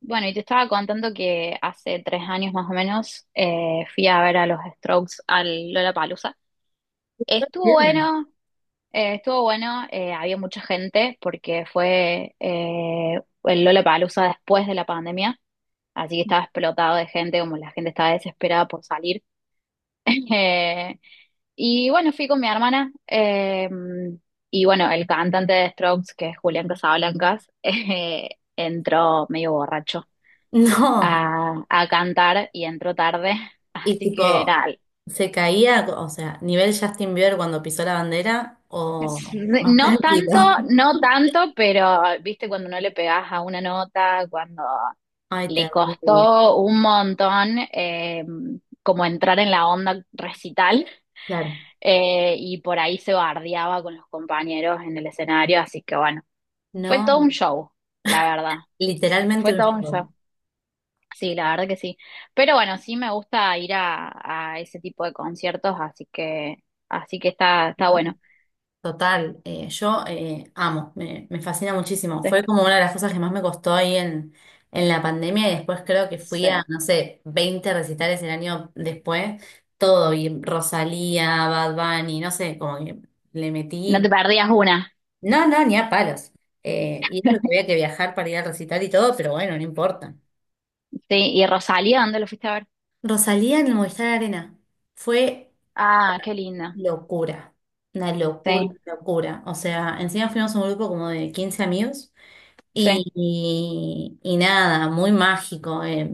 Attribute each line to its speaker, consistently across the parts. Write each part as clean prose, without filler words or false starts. Speaker 1: Bueno, y te estaba contando que hace 3 años más o menos fui a ver a los Strokes al Lollapalooza. Estuvo
Speaker 2: Bien.
Speaker 1: bueno, estuvo bueno, había mucha gente porque fue el Lollapalooza después de la pandemia, así que estaba explotado de gente, como la gente estaba desesperada por salir. Eh, y bueno, fui con mi hermana y bueno, el cantante de Strokes, que es Julián Casablancas, entró medio borracho
Speaker 2: No.
Speaker 1: a cantar y entró tarde.
Speaker 2: Y
Speaker 1: Así que
Speaker 2: tipo,
Speaker 1: nada,
Speaker 2: se caía, o sea, nivel Justin Bieber cuando pisó la bandera o más
Speaker 1: no tanto,
Speaker 2: tranquilo.
Speaker 1: no tanto, pero viste cuando no le pegás a una nota, cuando
Speaker 2: Ay,
Speaker 1: le
Speaker 2: terrible.
Speaker 1: costó un montón como entrar en la onda recital.
Speaker 2: Claro.
Speaker 1: Eh, y por ahí se bardeaba con los compañeros en el escenario, así que bueno, fue
Speaker 2: No,
Speaker 1: todo un show, la verdad,
Speaker 2: literalmente
Speaker 1: fue
Speaker 2: un
Speaker 1: todo un
Speaker 2: show.
Speaker 1: show. Sí, la verdad que sí. Pero bueno, sí me gusta ir a ese tipo de conciertos, así que está, está
Speaker 2: ¿No?
Speaker 1: bueno.
Speaker 2: Total. Yo amo, me fascina muchísimo.
Speaker 1: Sí,
Speaker 2: Fue como una de las cosas que más me costó en la pandemia y después creo que fui a,
Speaker 1: sí.
Speaker 2: no sé, 20 recitales el año después. Todo y Rosalía, Bad Bunny, no sé, como que le
Speaker 1: No
Speaker 2: metí.
Speaker 1: te perdías una.
Speaker 2: No, no, ni a palos. Y eso que había que viajar para ir al recital y todo, pero bueno, no importa.
Speaker 1: Sí, ¿y Rosalía dónde lo fuiste a ver?
Speaker 2: Rosalía en el Movistar Arena fue
Speaker 1: Ah, qué linda.
Speaker 2: locura, una locura,
Speaker 1: Sí,
Speaker 2: una locura. O sea, encima fuimos un grupo como de 15 amigos
Speaker 1: sí,
Speaker 2: y nada, muy mágico. Eh.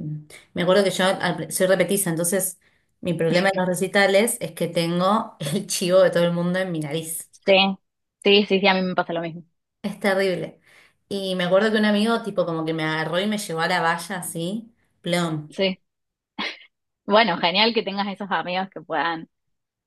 Speaker 2: Me acuerdo que yo al soy repetiza, entonces mi problema en los recitales es que tengo el chivo de todo el mundo en mi nariz.
Speaker 1: sí. Sí, sí, sí, a mí me pasa lo mismo.
Speaker 2: Es terrible. Y me acuerdo que un amigo tipo como que me agarró y me llevó a la valla así, plom.
Speaker 1: Sí. Bueno, genial que tengas esos amigos que puedan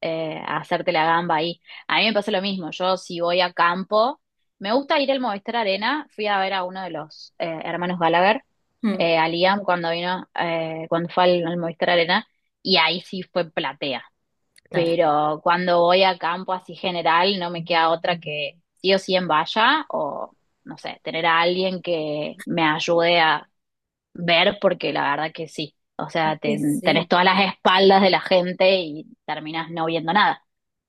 Speaker 1: a hacerte la gamba ahí. A mí me pasa lo mismo, yo si voy a campo, me gusta ir al Movistar Arena, fui a ver a uno de los hermanos Gallagher,
Speaker 2: Mm.
Speaker 1: a Liam cuando vino, cuando fue al Movistar Arena, y ahí sí fue platea.
Speaker 2: Claro.
Speaker 1: Pero cuando voy a campo así general, no me queda otra que sí o sí en valla o, no sé, tener a alguien que me ayude a ver, porque la verdad que sí. O sea,
Speaker 2: Este
Speaker 1: tenés
Speaker 2: sí.
Speaker 1: todas las espaldas de la gente y terminás no viendo nada.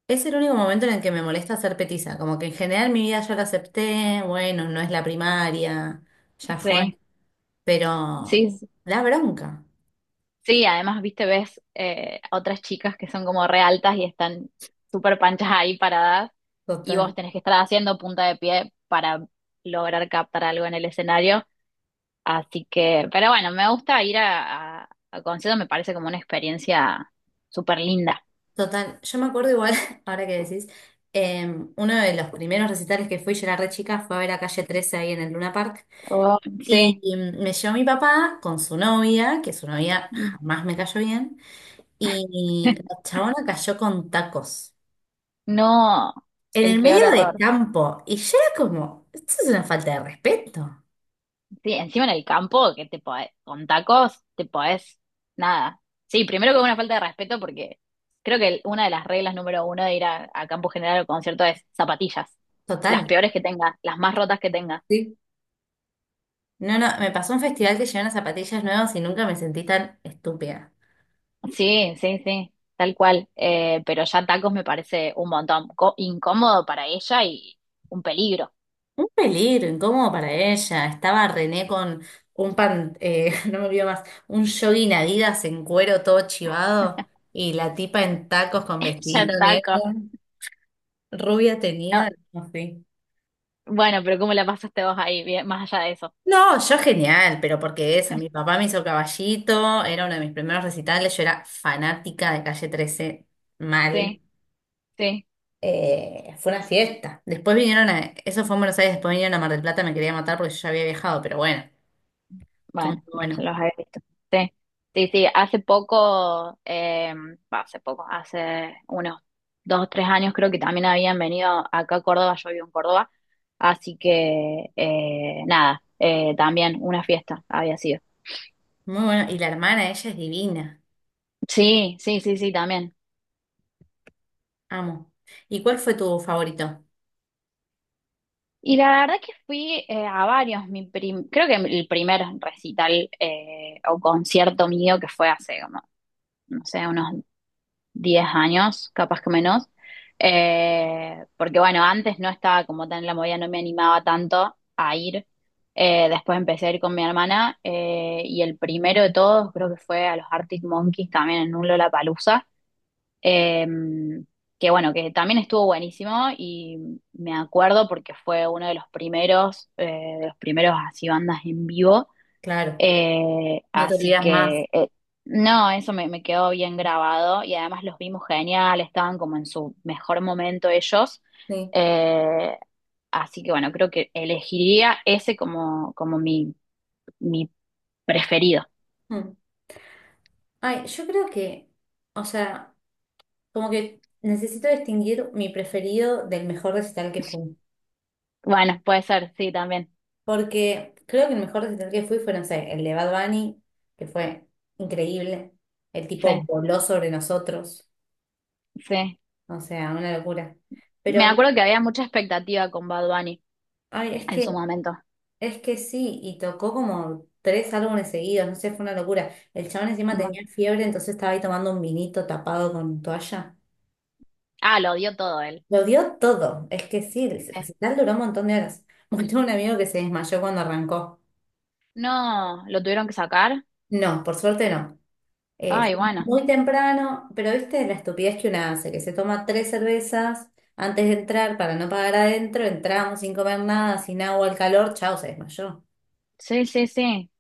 Speaker 2: Es el único momento en el que me molesta ser petiza, como que en general mi vida yo la acepté, bueno, no es la primaria, ya fue,
Speaker 1: Sí,
Speaker 2: pero
Speaker 1: sí,
Speaker 2: la bronca.
Speaker 1: sí, además, viste, ves a otras chicas que son como re altas y están súper panchas ahí paradas y vos
Speaker 2: Total.
Speaker 1: tenés que estar haciendo punta de pie para lograr captar algo en el escenario. Así que, pero bueno, me gusta ir a conciertos, me parece como una experiencia súper linda.
Speaker 2: Total, yo me acuerdo igual, ahora que decís, eh, uno de los primeros recitales que fui, yo era re chica, fue a ver a Calle trece ahí en el Luna Park.
Speaker 1: Oh,
Speaker 2: Y
Speaker 1: sí,
Speaker 2: y me llevó mi papá con su novia, que su novia jamás me cayó bien, y la chabona cayó con tacos
Speaker 1: no,
Speaker 2: en
Speaker 1: el
Speaker 2: el
Speaker 1: peor
Speaker 2: medio del
Speaker 1: error.
Speaker 2: campo. Y yo era como, esto es una falta de respeto,
Speaker 1: Sí, encima en el campo, con tacos, te podés, nada. Sí, primero que una falta de respeto, porque creo que una de las reglas número uno de ir a campo general o concierto es zapatillas. Las
Speaker 2: total.
Speaker 1: peores que tengas, las más rotas que tengas.
Speaker 2: Sí. No, no, me pasó un festival que llevaron zapatillas nuevas y nunca me sentí tan estúpida.
Speaker 1: Sí, sí, sí, tal cual. Pero ya tacos me parece un montón. Incómodo para ella y un peligro.
Speaker 2: Un peligro, incómodo para ella. Estaba René con un pan, no me olvido más, un jogging Adidas en cuero todo chivado y la tipa en tacos con
Speaker 1: Ya
Speaker 2: vestidito
Speaker 1: en
Speaker 2: negro.
Speaker 1: tacos.
Speaker 2: Rubia
Speaker 1: No,
Speaker 2: tenía. Así.
Speaker 1: bueno, pero ¿cómo la pasaste vos ahí, bien, más allá de eso?
Speaker 2: No, yo genial, pero porque eso, mi papá me hizo Caballito, era uno de mis primeros recitales, yo era fanática de Calle trece, mal.
Speaker 1: Sí, sí.
Speaker 2: Fue una fiesta. Después eso fue en Buenos Aires, después vinieron a Mar del Plata, me quería matar porque yo ya había viajado, pero bueno, todo
Speaker 1: Bueno,
Speaker 2: muy bueno,
Speaker 1: los he visto. Sí, sí, sí. Hace poco, va, hace poco, hace unos 2 o 3 años creo que también habían venido acá a Córdoba, yo vivo en Córdoba, así que nada, también una fiesta había sido.
Speaker 2: muy bueno. Y la hermana, ella es divina,
Speaker 1: Sí, sí, sí, sí, también.
Speaker 2: amo. ¿Y cuál fue tu favorito?
Speaker 1: Y la verdad que fui a varios, creo que el primer recital o concierto mío que fue hace como, no sé, unos 10 años, capaz que menos, porque bueno, antes no estaba como tan en la movida, no me animaba tanto a ir. Después empecé a ir con mi hermana y el primero de todos creo que fue a los Arctic Monkeys también en un Lollapalooza, eh, que bueno, que también estuvo buenísimo y me acuerdo porque fue uno de los primeros así bandas en vivo
Speaker 2: Claro, no te
Speaker 1: así
Speaker 2: olvidas más.
Speaker 1: que, no, eso me quedó bien grabado y además los vimos genial, estaban como en su mejor momento ellos.
Speaker 2: Sí.
Speaker 1: Eh, así que bueno, creo que elegiría ese como, como mi preferido.
Speaker 2: Mm. Ay, yo creo que, o sea... Como que necesito distinguir mi preferido del mejor recital que fui.
Speaker 1: Bueno, puede ser, sí, también.
Speaker 2: Porque creo que el mejor recital que fui fue, no sé, el de Bad Bunny, que fue increíble. El tipo
Speaker 1: Sí,
Speaker 2: voló sobre nosotros.
Speaker 1: sí.
Speaker 2: O sea, una locura.
Speaker 1: Me
Speaker 2: Pero,
Speaker 1: acuerdo que había mucha expectativa con Bad Bunny
Speaker 2: ay, es
Speaker 1: en
Speaker 2: que,
Speaker 1: su momento.
Speaker 2: es que sí, y tocó como tres álbumes seguidos, no sé, fue una locura. El chabón encima
Speaker 1: Un
Speaker 2: tenía
Speaker 1: montón.
Speaker 2: fiebre, entonces estaba ahí tomando un vinito tapado con toalla.
Speaker 1: Ah, lo dio todo él.
Speaker 2: Lo dio todo. Es que sí, el
Speaker 1: Eh,
Speaker 2: recital duró un montón de horas. Bueno, tengo un amigo que se desmayó cuando arrancó.
Speaker 1: No, lo tuvieron que sacar.
Speaker 2: No, por suerte no.
Speaker 1: Ay,
Speaker 2: Fuimos
Speaker 1: bueno.
Speaker 2: muy temprano, pero viste la estupidez que una hace, que se toma tres cervezas antes de entrar para no pagar adentro, entramos sin comer nada, sin agua, el calor, chao, se desmayó.
Speaker 1: Sí, sí, sí.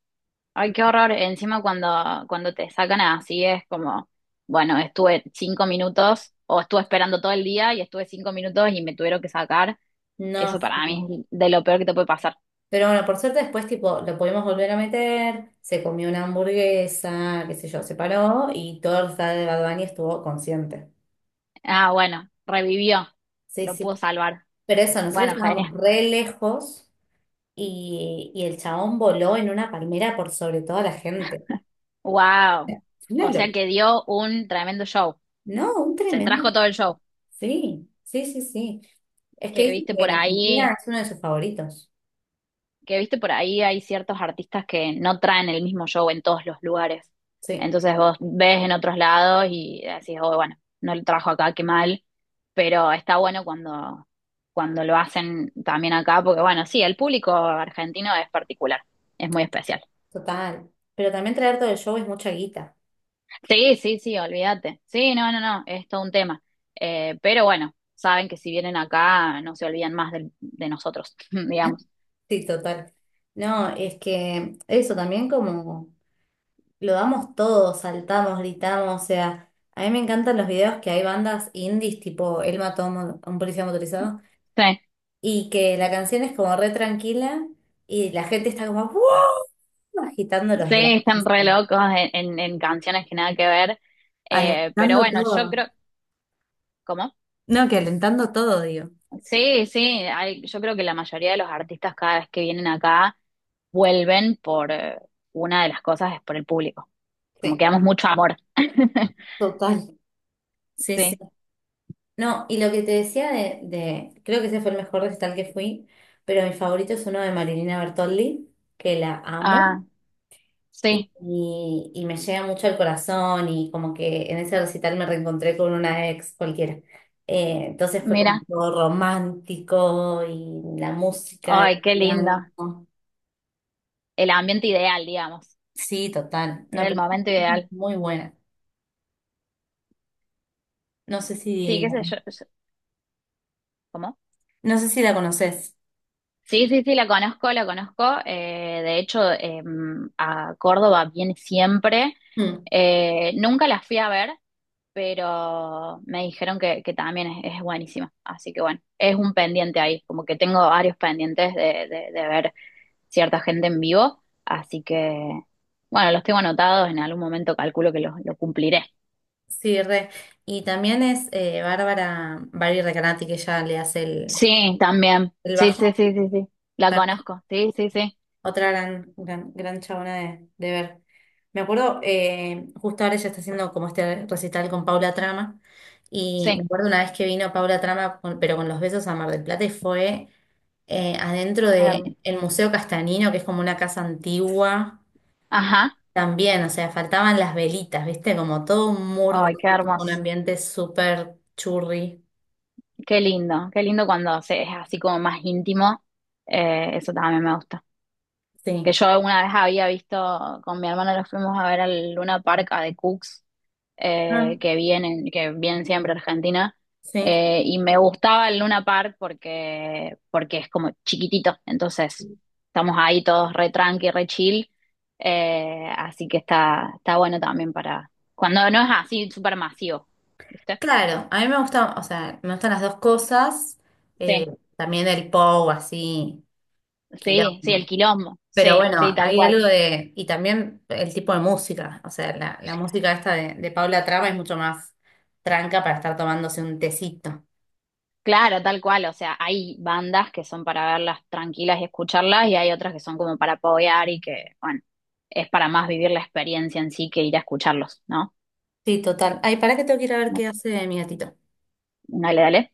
Speaker 1: Ay, qué horror. Encima cuando, cuando te sacan así es como, bueno, estuve 5 minutos o estuve esperando todo el día y estuve 5 minutos y me tuvieron que sacar.
Speaker 2: No,
Speaker 1: Eso para mí
Speaker 2: sí.
Speaker 1: es de lo peor que te puede pasar.
Speaker 2: Pero bueno, por suerte después tipo lo pudimos volver a meter, se comió una hamburguesa, qué sé yo, se paró y todo el estado de Bad Bunny estuvo consciente.
Speaker 1: Ah, bueno, revivió.
Speaker 2: Sí,
Speaker 1: Lo pudo
Speaker 2: sí.
Speaker 1: salvar.
Speaker 2: Pero eso, nosotros
Speaker 1: Bueno, genial.
Speaker 2: estábamos re lejos y el chabón voló en una palmera por sobre toda la gente.
Speaker 1: Wow.
Speaker 2: Una.
Speaker 1: O sea que dio un tremendo show.
Speaker 2: No, un
Speaker 1: Se
Speaker 2: tremendo.
Speaker 1: trajo todo el show
Speaker 2: Sí, sí, sí, sí. Es que
Speaker 1: que
Speaker 2: dicen
Speaker 1: viste por
Speaker 2: que Argentina
Speaker 1: ahí
Speaker 2: es uno de sus favoritos.
Speaker 1: que viste por ahí hay ciertos artistas que no traen el mismo show en todos los lugares.
Speaker 2: Sí,
Speaker 1: Entonces vos ves en otros lados y decís, oh, bueno, no lo trajo acá, qué mal, pero está bueno cuando, cuando lo hacen también acá, porque bueno, sí, el público argentino es particular, es muy especial.
Speaker 2: total. Pero también traer todo el show es mucha guita.
Speaker 1: Sí, sí, sí, olvídate. Sí, no, no, no, es todo un tema. Pero bueno, saben que si vienen acá no se olvidan más de, nosotros, digamos.
Speaker 2: Sí, total. No, es que eso también como lo damos todo, saltamos, gritamos, o sea, a mí me encantan los videos que hay bandas indies tipo Él mató a un a un policía motorizado
Speaker 1: Sí.
Speaker 2: y que la canción es como re tranquila y la gente está como ¡wow! Agitando los
Speaker 1: Sí, están
Speaker 2: brazos,
Speaker 1: re locos en, en canciones que nada que ver. Pero
Speaker 2: alentando
Speaker 1: bueno, yo
Speaker 2: todo.
Speaker 1: creo, ¿cómo?
Speaker 2: No, que alentando todo, digo.
Speaker 1: Sí, sí, yo creo que la mayoría de los artistas cada vez que vienen acá vuelven por una de las cosas es por el público. Como que
Speaker 2: Sí,
Speaker 1: damos mucho amor.
Speaker 2: total. Sí, sí.
Speaker 1: Sí.
Speaker 2: No, y lo que te decía creo que ese fue el mejor recital que fui, pero mi favorito es uno de Marilina Bertoldi, que la amo
Speaker 1: Ah,
Speaker 2: y,
Speaker 1: sí,
Speaker 2: y- y me llega mucho al corazón y como que en ese recital me reencontré con una ex cualquiera. Entonces fue como
Speaker 1: mira.
Speaker 2: todo romántico y la música y
Speaker 1: Ay, qué
Speaker 2: el
Speaker 1: lindo.
Speaker 2: canto.
Speaker 1: El ambiente ideal, digamos.
Speaker 2: Sí, total. No,
Speaker 1: Era el
Speaker 2: pero
Speaker 1: momento
Speaker 2: es
Speaker 1: ideal.
Speaker 2: muy buena. No sé
Speaker 1: Sí,
Speaker 2: si,
Speaker 1: qué sé yo. Yo- ¿Cómo?
Speaker 2: no sé si la conoces.
Speaker 1: Sí, sí, sí, la conozco, la conozco. De hecho, a Córdoba viene siempre.
Speaker 2: Mm.
Speaker 1: Nunca la fui a ver, pero me dijeron que también es buenísima. Así que bueno, es un pendiente ahí, como que tengo varios pendientes de, de ver cierta gente en vivo. Así que bueno, los tengo anotados, en algún momento calculo que los lo cumpliré.
Speaker 2: Sí, re. Y también es Bárbara, Barbie Recanati, que ella le hace
Speaker 1: Sí, también.
Speaker 2: el
Speaker 1: Sí,
Speaker 2: bajo.
Speaker 1: sí, sí, sí, sí. La
Speaker 2: También es
Speaker 1: conozco. Sí, sí, sí.
Speaker 2: otra gran, gran, gran chabona de ver. Me acuerdo, justo ahora ella está haciendo como este recital con Paula Trama. Y me
Speaker 1: Sí,
Speaker 2: acuerdo una vez que vino Paula Trama, pero con los besos a Mar del Plata, y fue adentro
Speaker 1: es hermoso.
Speaker 2: del Museo Castanino, que es como una casa antigua.
Speaker 1: Ajá.
Speaker 2: También, o sea, faltaban las velitas, ¿viste? Como todo muy
Speaker 1: Ay, qué
Speaker 2: romántico, un
Speaker 1: hermoso.
Speaker 2: ambiente súper churri.
Speaker 1: Qué lindo cuando se, es así como más íntimo. Eso también me gusta. Que
Speaker 2: Sí.
Speaker 1: yo una vez había visto, con mi hermano los fuimos a ver al Luna Park de Cooks,
Speaker 2: Ah,
Speaker 1: que vienen siempre a Argentina.
Speaker 2: sí,
Speaker 1: Y me gustaba el Luna Park porque, porque es como chiquitito. Entonces, estamos ahí todos re tranqui, re chill. Así que está, está bueno también para cuando no es así súper masivo, ¿viste?
Speaker 2: claro, a mí me gusta, o sea, me gustan las dos cosas, eh, también el pop así,
Speaker 1: Sí, sí, el
Speaker 2: quilombo,
Speaker 1: quilombo,
Speaker 2: pero
Speaker 1: sí,
Speaker 2: bueno,
Speaker 1: sí, tal
Speaker 2: hay
Speaker 1: cual.
Speaker 2: algo de, y también el tipo de música, o sea, la música esta de Paula Traba es mucho más tranca para estar tomándose un tecito.
Speaker 1: Claro, tal cual. O sea, hay bandas que son para verlas tranquilas y escucharlas, y hay otras que son como para apoyar y que, bueno, es para más vivir la experiencia en sí que ir a escucharlos, ¿no?
Speaker 2: Sí, total. Ay, para que tengo que ir a ver qué hace mi gatito.
Speaker 1: Dale, dale.